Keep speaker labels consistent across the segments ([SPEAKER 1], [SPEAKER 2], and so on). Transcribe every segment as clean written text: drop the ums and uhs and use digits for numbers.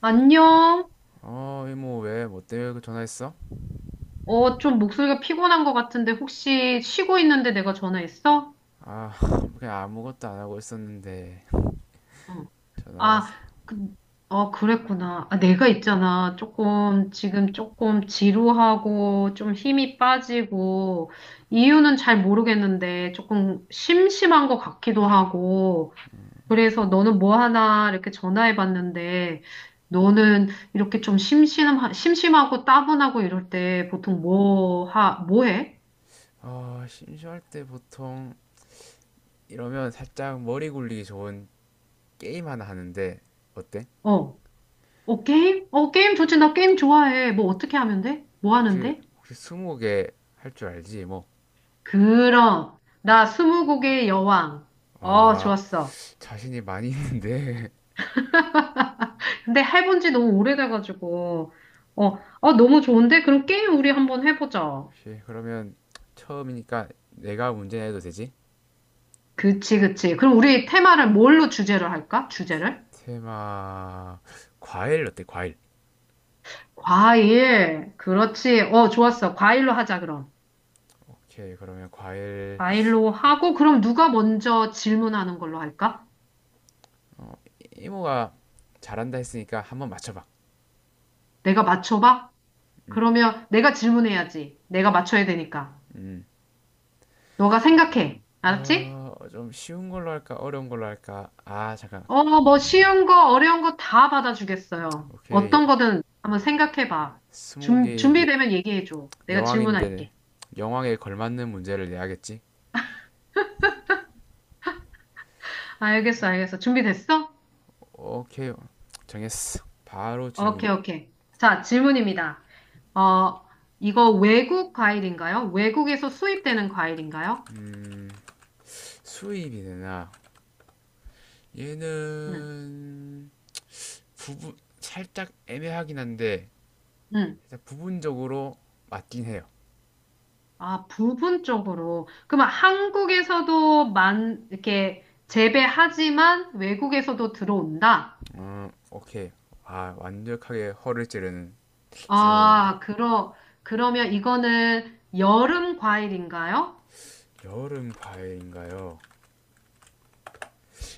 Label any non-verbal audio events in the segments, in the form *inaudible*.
[SPEAKER 1] 안녕?
[SPEAKER 2] 어, 이모, 왜, 뭐 때문에 그 전화했어?
[SPEAKER 1] 어, 좀 목소리가 피곤한 것 같은데 혹시 쉬고 있는데 내가 전화했어?
[SPEAKER 2] 아, *laughs* 그냥 아무것도 안 하고 있었는데,
[SPEAKER 1] 응.
[SPEAKER 2] 전화
[SPEAKER 1] 아,
[SPEAKER 2] 왔어.
[SPEAKER 1] 그, 그랬구나. 아, 내가 있잖아. 조금, 지금 조금 지루하고 좀 힘이 빠지고 이유는 잘 모르겠는데 조금 심심한 것 같기도 하고 그래서 너는 뭐 하나 이렇게 전화해 봤는데 너는 이렇게 심심하고 따분하고 이럴 때 보통 뭐 해?
[SPEAKER 2] 어, 심심할 때 보통, 이러면 살짝 머리 굴리기 좋은 게임 하나 하는데, 어때?
[SPEAKER 1] 어. 어, 게임? 어, 게임 좋지. 나 게임 좋아해. 뭐 어떻게 하면 돼? 뭐
[SPEAKER 2] 혹시,
[SPEAKER 1] 하는데?
[SPEAKER 2] 혹시 스무고개 할 줄 알지? 뭐,
[SPEAKER 1] 그럼. 나 스무고개의 여왕. 어,
[SPEAKER 2] 아,
[SPEAKER 1] 좋았어.
[SPEAKER 2] 자신이 많이 있는데.
[SPEAKER 1] 근데 해본 지 너무 오래돼가지고. 어, 어, 너무 좋은데? 그럼 게임 우리 한번
[SPEAKER 2] *laughs*
[SPEAKER 1] 해보자.
[SPEAKER 2] 혹시, 그러면, 처음이니까 내가 문제 내도 되지?
[SPEAKER 1] 그치, 그치. 그럼 우리 테마를 뭘로 주제를 할까? 주제를?
[SPEAKER 2] 테마, 과일 어때, 과일?
[SPEAKER 1] 과일. 그렇지. 어, 좋았어. 과일로 하자, 그럼.
[SPEAKER 2] 오케이, 그러면 과일,
[SPEAKER 1] 과일로 하고, 그럼 누가 먼저 질문하는 걸로 할까?
[SPEAKER 2] 이모가 잘한다 했으니까 한번 맞춰봐.
[SPEAKER 1] 내가 맞춰봐? 그러면 내가 질문해야지. 내가 맞춰야 되니까. 너가 생각해. 알았지?
[SPEAKER 2] 어, 좀 쉬운 걸로 할까? 어려운 걸로 할까? 아, 잠깐.
[SPEAKER 1] 어, 뭐 쉬운 거, 어려운 거 다 받아주겠어요.
[SPEAKER 2] 오케이. 예,
[SPEAKER 1] 어떤 거든 한번 생각해봐.
[SPEAKER 2] 스무 개의
[SPEAKER 1] 준비되면 얘기해줘. 내가
[SPEAKER 2] 여왕인데,
[SPEAKER 1] 질문할게.
[SPEAKER 2] 여왕에 걸맞는 문제를 내야겠지?
[SPEAKER 1] 아, 알겠어, 알겠어. 준비됐어?
[SPEAKER 2] 오케이. 정했어. 바로 질문.
[SPEAKER 1] 오케이, 오케이. 자, 질문입니다. 어, 이거 외국 과일인가요? 외국에서 수입되는 과일인가요?
[SPEAKER 2] 수입이 되나?
[SPEAKER 1] 응,
[SPEAKER 2] 얘는 부분 살짝 애매하긴 한데
[SPEAKER 1] 응.
[SPEAKER 2] 일단 부분적으로 맞긴 해요.
[SPEAKER 1] 아, 부분적으로. 그러면 한국에서도 이렇게 재배하지만 외국에서도 들어온다?
[SPEAKER 2] 오케이. 아, 완벽하게 허를 찌르는 질문이었는데.
[SPEAKER 1] 아, 그러, 그러면 이거는 여름 과일인가요?
[SPEAKER 2] 여름 과일인가요?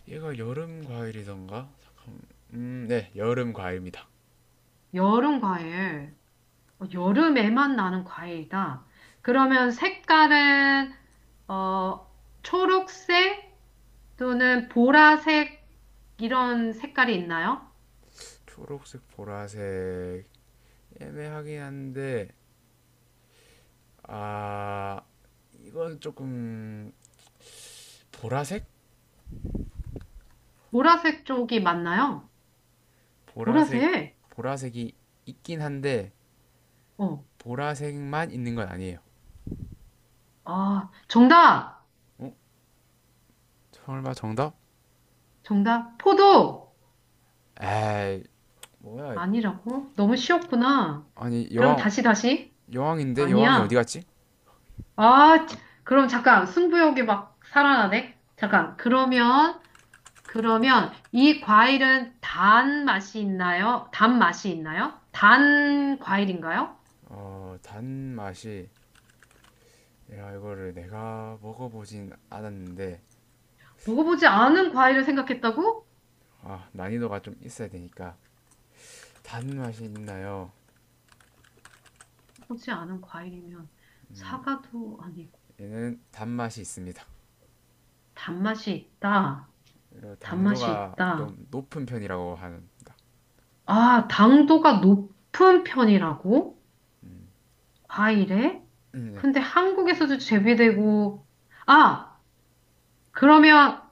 [SPEAKER 2] 얘가 여름 과일이던가? 잠깐. 네, 여름 과일입니다.
[SPEAKER 1] 여름 과일. 어, 여름에만 나는 과일이다. 그러면 색깔은, 어, 초록색 또는 보라색 이런 색깔이 있나요?
[SPEAKER 2] 초록색, 보라색 애매하긴 한데, 아, 이건 조금 보라색?
[SPEAKER 1] 보라색 쪽이 맞나요?
[SPEAKER 2] 보라색
[SPEAKER 1] 보라색?
[SPEAKER 2] 보라색이 있긴 한데
[SPEAKER 1] 어.
[SPEAKER 2] 보라색만 있는 건 아니에요.
[SPEAKER 1] 아, 정답!
[SPEAKER 2] 어? 설마 정답?
[SPEAKER 1] 정답. 포도!
[SPEAKER 2] 에이, 뭐야?
[SPEAKER 1] 아니라고? 너무 쉬웠구나.
[SPEAKER 2] 아니,
[SPEAKER 1] 그럼
[SPEAKER 2] 여왕
[SPEAKER 1] 다시, 다시.
[SPEAKER 2] 여왕인데 여왕이 어디
[SPEAKER 1] 아니야.
[SPEAKER 2] 갔지?
[SPEAKER 1] 아, 치- 그럼 잠깐 승부욕이 막 살아나네? 잠깐. 그러면 이 과일은 단 맛이 있나요? 단 맛이 있나요? 단 과일인가요?
[SPEAKER 2] 어, 단맛이 야, 이거를 내가 먹어보진 않았는데.
[SPEAKER 1] 먹어보지 않은 과일을 생각했다고? 먹
[SPEAKER 2] 아, 난이도가 좀 있어야 되니까. 단맛이 있나요?
[SPEAKER 1] 어 보지 않은 과일이면 사과도 아니고
[SPEAKER 2] 얘는 단맛이 있습니다.
[SPEAKER 1] 단맛이 있다. 단맛이
[SPEAKER 2] 당도가
[SPEAKER 1] 있다.
[SPEAKER 2] 좀 높은 편이라고 합니다.
[SPEAKER 1] 아, 당도가 높은 편이라고? 과일에?
[SPEAKER 2] 네.
[SPEAKER 1] 근데 한국에서도 재배되고 아, 그러면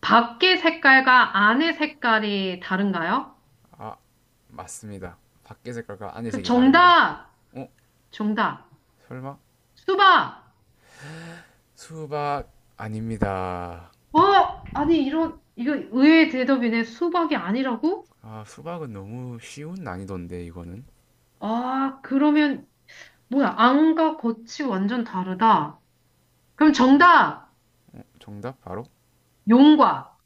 [SPEAKER 1] 밖의 색깔과 안의 색깔이 다른가요?
[SPEAKER 2] 아, 맞습니다. 밖의 색깔과 안의
[SPEAKER 1] 그
[SPEAKER 2] 색이 다릅니다.
[SPEAKER 1] 정답,
[SPEAKER 2] 어?
[SPEAKER 1] 정답.
[SPEAKER 2] 설마?
[SPEAKER 1] 수박.
[SPEAKER 2] 수박 아닙니다.
[SPEAKER 1] 어? 아니, 이런, 이거 의외의 대답이네. 수박이 아니라고?
[SPEAKER 2] 아, 수박은 너무 쉬운 난이도인데, 이거는.
[SPEAKER 1] 아, 그러면, 뭐야, 안과 겉이 완전 다르다. 그럼 정답,
[SPEAKER 2] 정답 바로
[SPEAKER 1] 용과.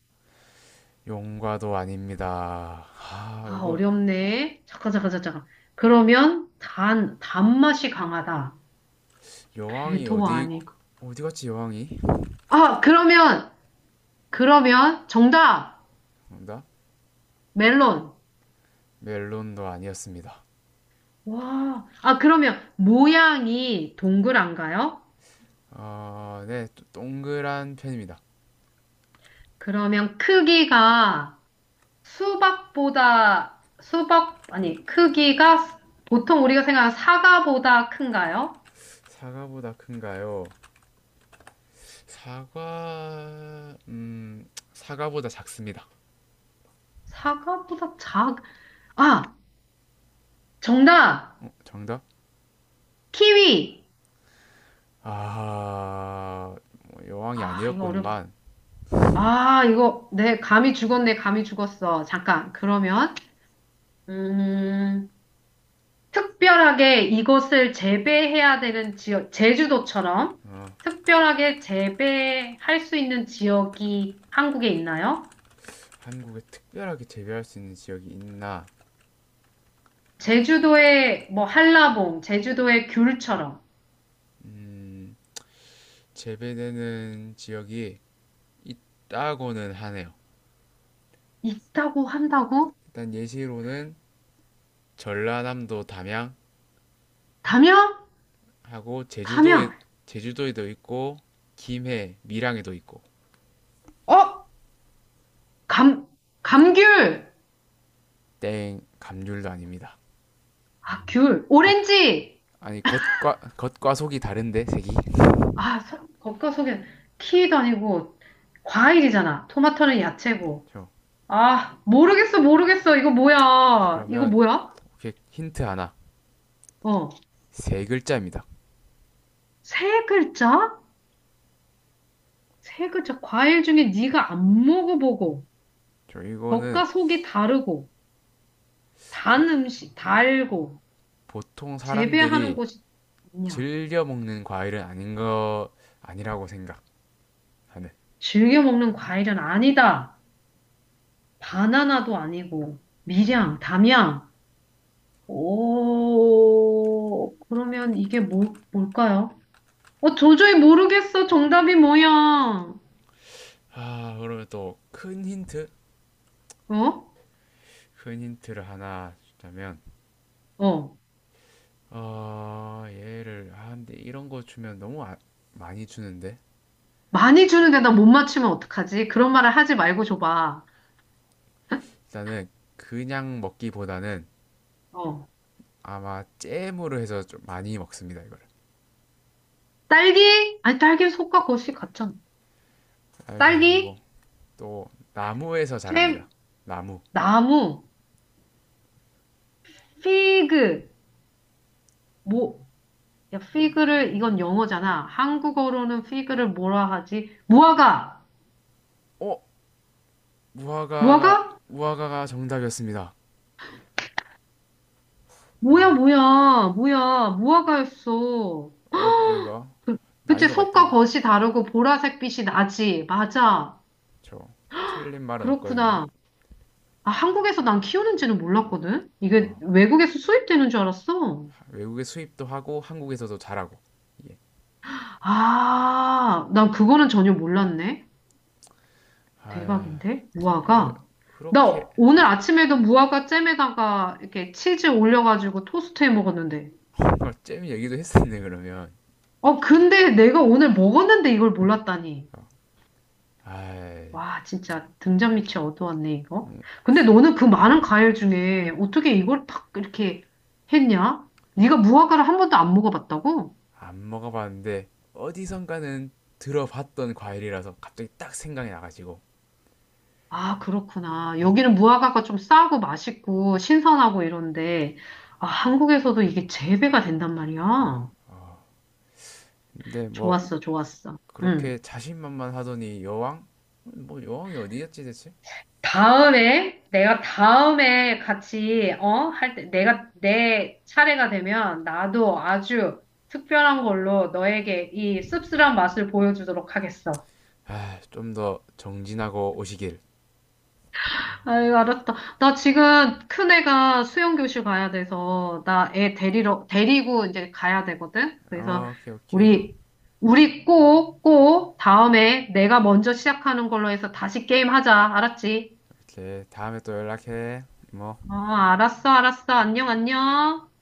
[SPEAKER 2] 용과도 아닙니다. 아,
[SPEAKER 1] 아,
[SPEAKER 2] 이거
[SPEAKER 1] 어렵네. 잠깐. 그러면 단맛이 강하다.
[SPEAKER 2] 여왕이
[SPEAKER 1] 배도
[SPEAKER 2] 어디
[SPEAKER 1] 아니고.
[SPEAKER 2] 어디 갔지 여왕이?
[SPEAKER 1] 아, 그러면, 그러면 정답,
[SPEAKER 2] 정답
[SPEAKER 1] 멜론.
[SPEAKER 2] 멜론도 아니었습니다.
[SPEAKER 1] 와, 아, 그러면 모양이 동그란가요?
[SPEAKER 2] 어, 네, 동그란 편입니다.
[SPEAKER 1] 그러면 크기가 수박보다, 수박, 아니, 크기가 보통 우리가 생각하는 사과보다 큰가요?
[SPEAKER 2] 사과보다 큰가요? 사과보다 작습니다.
[SPEAKER 1] 사과보다 작, 아, 정답!
[SPEAKER 2] 어, 정답?
[SPEAKER 1] 키위!
[SPEAKER 2] 아, 뭐 여왕이
[SPEAKER 1] 아, 이거 어렵,
[SPEAKER 2] 아니었건만.
[SPEAKER 1] 아, 이거, 내 감이 죽었네, 감이 죽었어. 잠깐, 그러면, 음, 특별하게 이것을 재배해야 되는 지역, 제주도처럼
[SPEAKER 2] 어,
[SPEAKER 1] 특별하게 재배할 수 있는 지역이 한국에 있나요?
[SPEAKER 2] 한국에 특별하게 재배할 수 있는 지역이 있나?
[SPEAKER 1] 제주도의 뭐 한라봉, 제주도의 귤처럼
[SPEAKER 2] 재배되는 지역이 있다고는 하네요.
[SPEAKER 1] 있다고 한다고?
[SPEAKER 2] 일단 예시로는 전라남도 담양하고,
[SPEAKER 1] 담양?
[SPEAKER 2] 제주도에,
[SPEAKER 1] 담양.
[SPEAKER 2] 제주도에도 있고, 김해, 밀양에도 있고.
[SPEAKER 1] 어? 감, 감귤.
[SPEAKER 2] 땡, 감귤도 아닙니다.
[SPEAKER 1] 아, 귤.
[SPEAKER 2] 거,
[SPEAKER 1] 오렌지.
[SPEAKER 2] 아니, 겉과 속이 다른데 색이.
[SPEAKER 1] 아, 서- 겉과 속에 키위도 아니고 과일이잖아. 토마토는 야채고.
[SPEAKER 2] 저,
[SPEAKER 1] 아, 모르겠어, 모르겠어. 이거 뭐야? 이거
[SPEAKER 2] 그러면
[SPEAKER 1] 뭐야?
[SPEAKER 2] 오케이. 힌트 하나.
[SPEAKER 1] 어.
[SPEAKER 2] 세 글자입니다.
[SPEAKER 1] 세 글자? 세 글자. 과일 중에 네가 안 먹어보고,
[SPEAKER 2] 저, 이거는
[SPEAKER 1] 겉과 속이 다르고,
[SPEAKER 2] 보,
[SPEAKER 1] 단 음식, 달고,
[SPEAKER 2] 보통
[SPEAKER 1] 재배하는
[SPEAKER 2] 사람들이
[SPEAKER 1] 곳이 아니야.
[SPEAKER 2] 즐겨 먹는 과일은 아닌 거, 아니라고 생각하는.
[SPEAKER 1] 즐겨 먹는 과일은 아니다. 바나나도 아니고, 밀양, 담양. 오, 그러면 이게 뭘까요? 어, 도저히 모르겠어. 정답이 뭐야?
[SPEAKER 2] 아, 그러면 또 큰 힌트
[SPEAKER 1] 어?
[SPEAKER 2] 큰 힌트를 하나 주자면,
[SPEAKER 1] 어.
[SPEAKER 2] 어, 얘를, 아, 근데 이런 거 주면 너무 많이 주는데.
[SPEAKER 1] 많이 주는데 나 못 맞추면 어떡하지? 그런 말을 하지 말고 줘봐.
[SPEAKER 2] 일단은 그냥 먹기보다는
[SPEAKER 1] 어.
[SPEAKER 2] 아마 잼으로 해서 좀 많이 먹습니다, 이거를.
[SPEAKER 1] 딸기? 아니, 딸기는 속과 겉이 같잖아.
[SPEAKER 2] 딸기 아니고,
[SPEAKER 1] 딸기,
[SPEAKER 2] 또 나무에서 자랍니다.
[SPEAKER 1] 잼,
[SPEAKER 2] 나무.
[SPEAKER 1] 나무, 피그. 뭐, 야, 피그를, 이건 영어잖아. 한국어로는 피그를 뭐라 하지? 무화과!
[SPEAKER 2] 어? 무화과가
[SPEAKER 1] 무화과?
[SPEAKER 2] 무화과가 정답이었습니다.
[SPEAKER 1] 뭐야, 무화과였어.
[SPEAKER 2] 어렵죠, 이거.
[SPEAKER 1] 그, 그치,
[SPEAKER 2] 난이도가 있다.
[SPEAKER 1] 속과 겉이 다르고 보라색 빛이 나지. 맞아.
[SPEAKER 2] 저, 틀린 말은 없거든요.
[SPEAKER 1] 그렇구나. 아, 한국에서 난 키우는지는 몰랐거든? 이게 외국에서 수입되는 줄 알았어.
[SPEAKER 2] 외국에 수입도 하고 한국에서도 잘하고.
[SPEAKER 1] 아, 난 그거는 전혀 몰랐네.
[SPEAKER 2] 아,
[SPEAKER 1] 대박인데?
[SPEAKER 2] 근데
[SPEAKER 1] 무화과?
[SPEAKER 2] 그렇게
[SPEAKER 1] 나 오늘 아침에도 무화과 잼에다가 이렇게 치즈 올려가지고 토스트 해 먹었는데.
[SPEAKER 2] 정잼 얘기도 했었네 그러면.
[SPEAKER 1] 어, 근데 내가 오늘 먹었는데 이걸 몰랐다니.
[SPEAKER 2] 아안
[SPEAKER 1] 와, 진짜 등잔 밑이 어두웠네, 이거. 근데 너는 그 많은 과일 중에 어떻게 이걸 딱 이렇게 했냐? 네가 무화과를 한 번도 안 먹어봤다고?
[SPEAKER 2] 먹어봤는데 어디선가는 들어봤던 과일이라서 갑자기 딱 생각이 나가지고.
[SPEAKER 1] 아, 그렇구나.
[SPEAKER 2] 어,
[SPEAKER 1] 여기는 무화과가 좀 싸고 맛있고 신선하고 이런데, 아, 한국에서도 이게 재배가 된단
[SPEAKER 2] 야.
[SPEAKER 1] 말이야.
[SPEAKER 2] 근데 뭐
[SPEAKER 1] 좋았어, 좋았어.
[SPEAKER 2] 그렇게
[SPEAKER 1] 응,
[SPEAKER 2] 자신만만 하더니 여왕? 뭐 여왕이 어디였지 대체?
[SPEAKER 1] 다음에, 내가 다음에 같이, 어? 할 때, 내 차례가 되면 나도 아주 특별한 걸로 너에게 이 씁쓸한 맛을 보여주도록 하겠어.
[SPEAKER 2] 아, 좀 더 정진하고 오시길.
[SPEAKER 1] 아유, 알았다. 나 지금 큰애가 수영교실 가야 돼서, 데리고 이제 가야 되거든? 그래서,
[SPEAKER 2] 어, 오케이 오케이.
[SPEAKER 1] 우리, 우리 꼭, 다음에 내가 먼저 시작하는 걸로 해서 다시 게임 하자. 알았지?
[SPEAKER 2] 그래, 다음에 또 연락해. 뭐.
[SPEAKER 1] 어, 알았어, 알았어. 안녕, 안녕.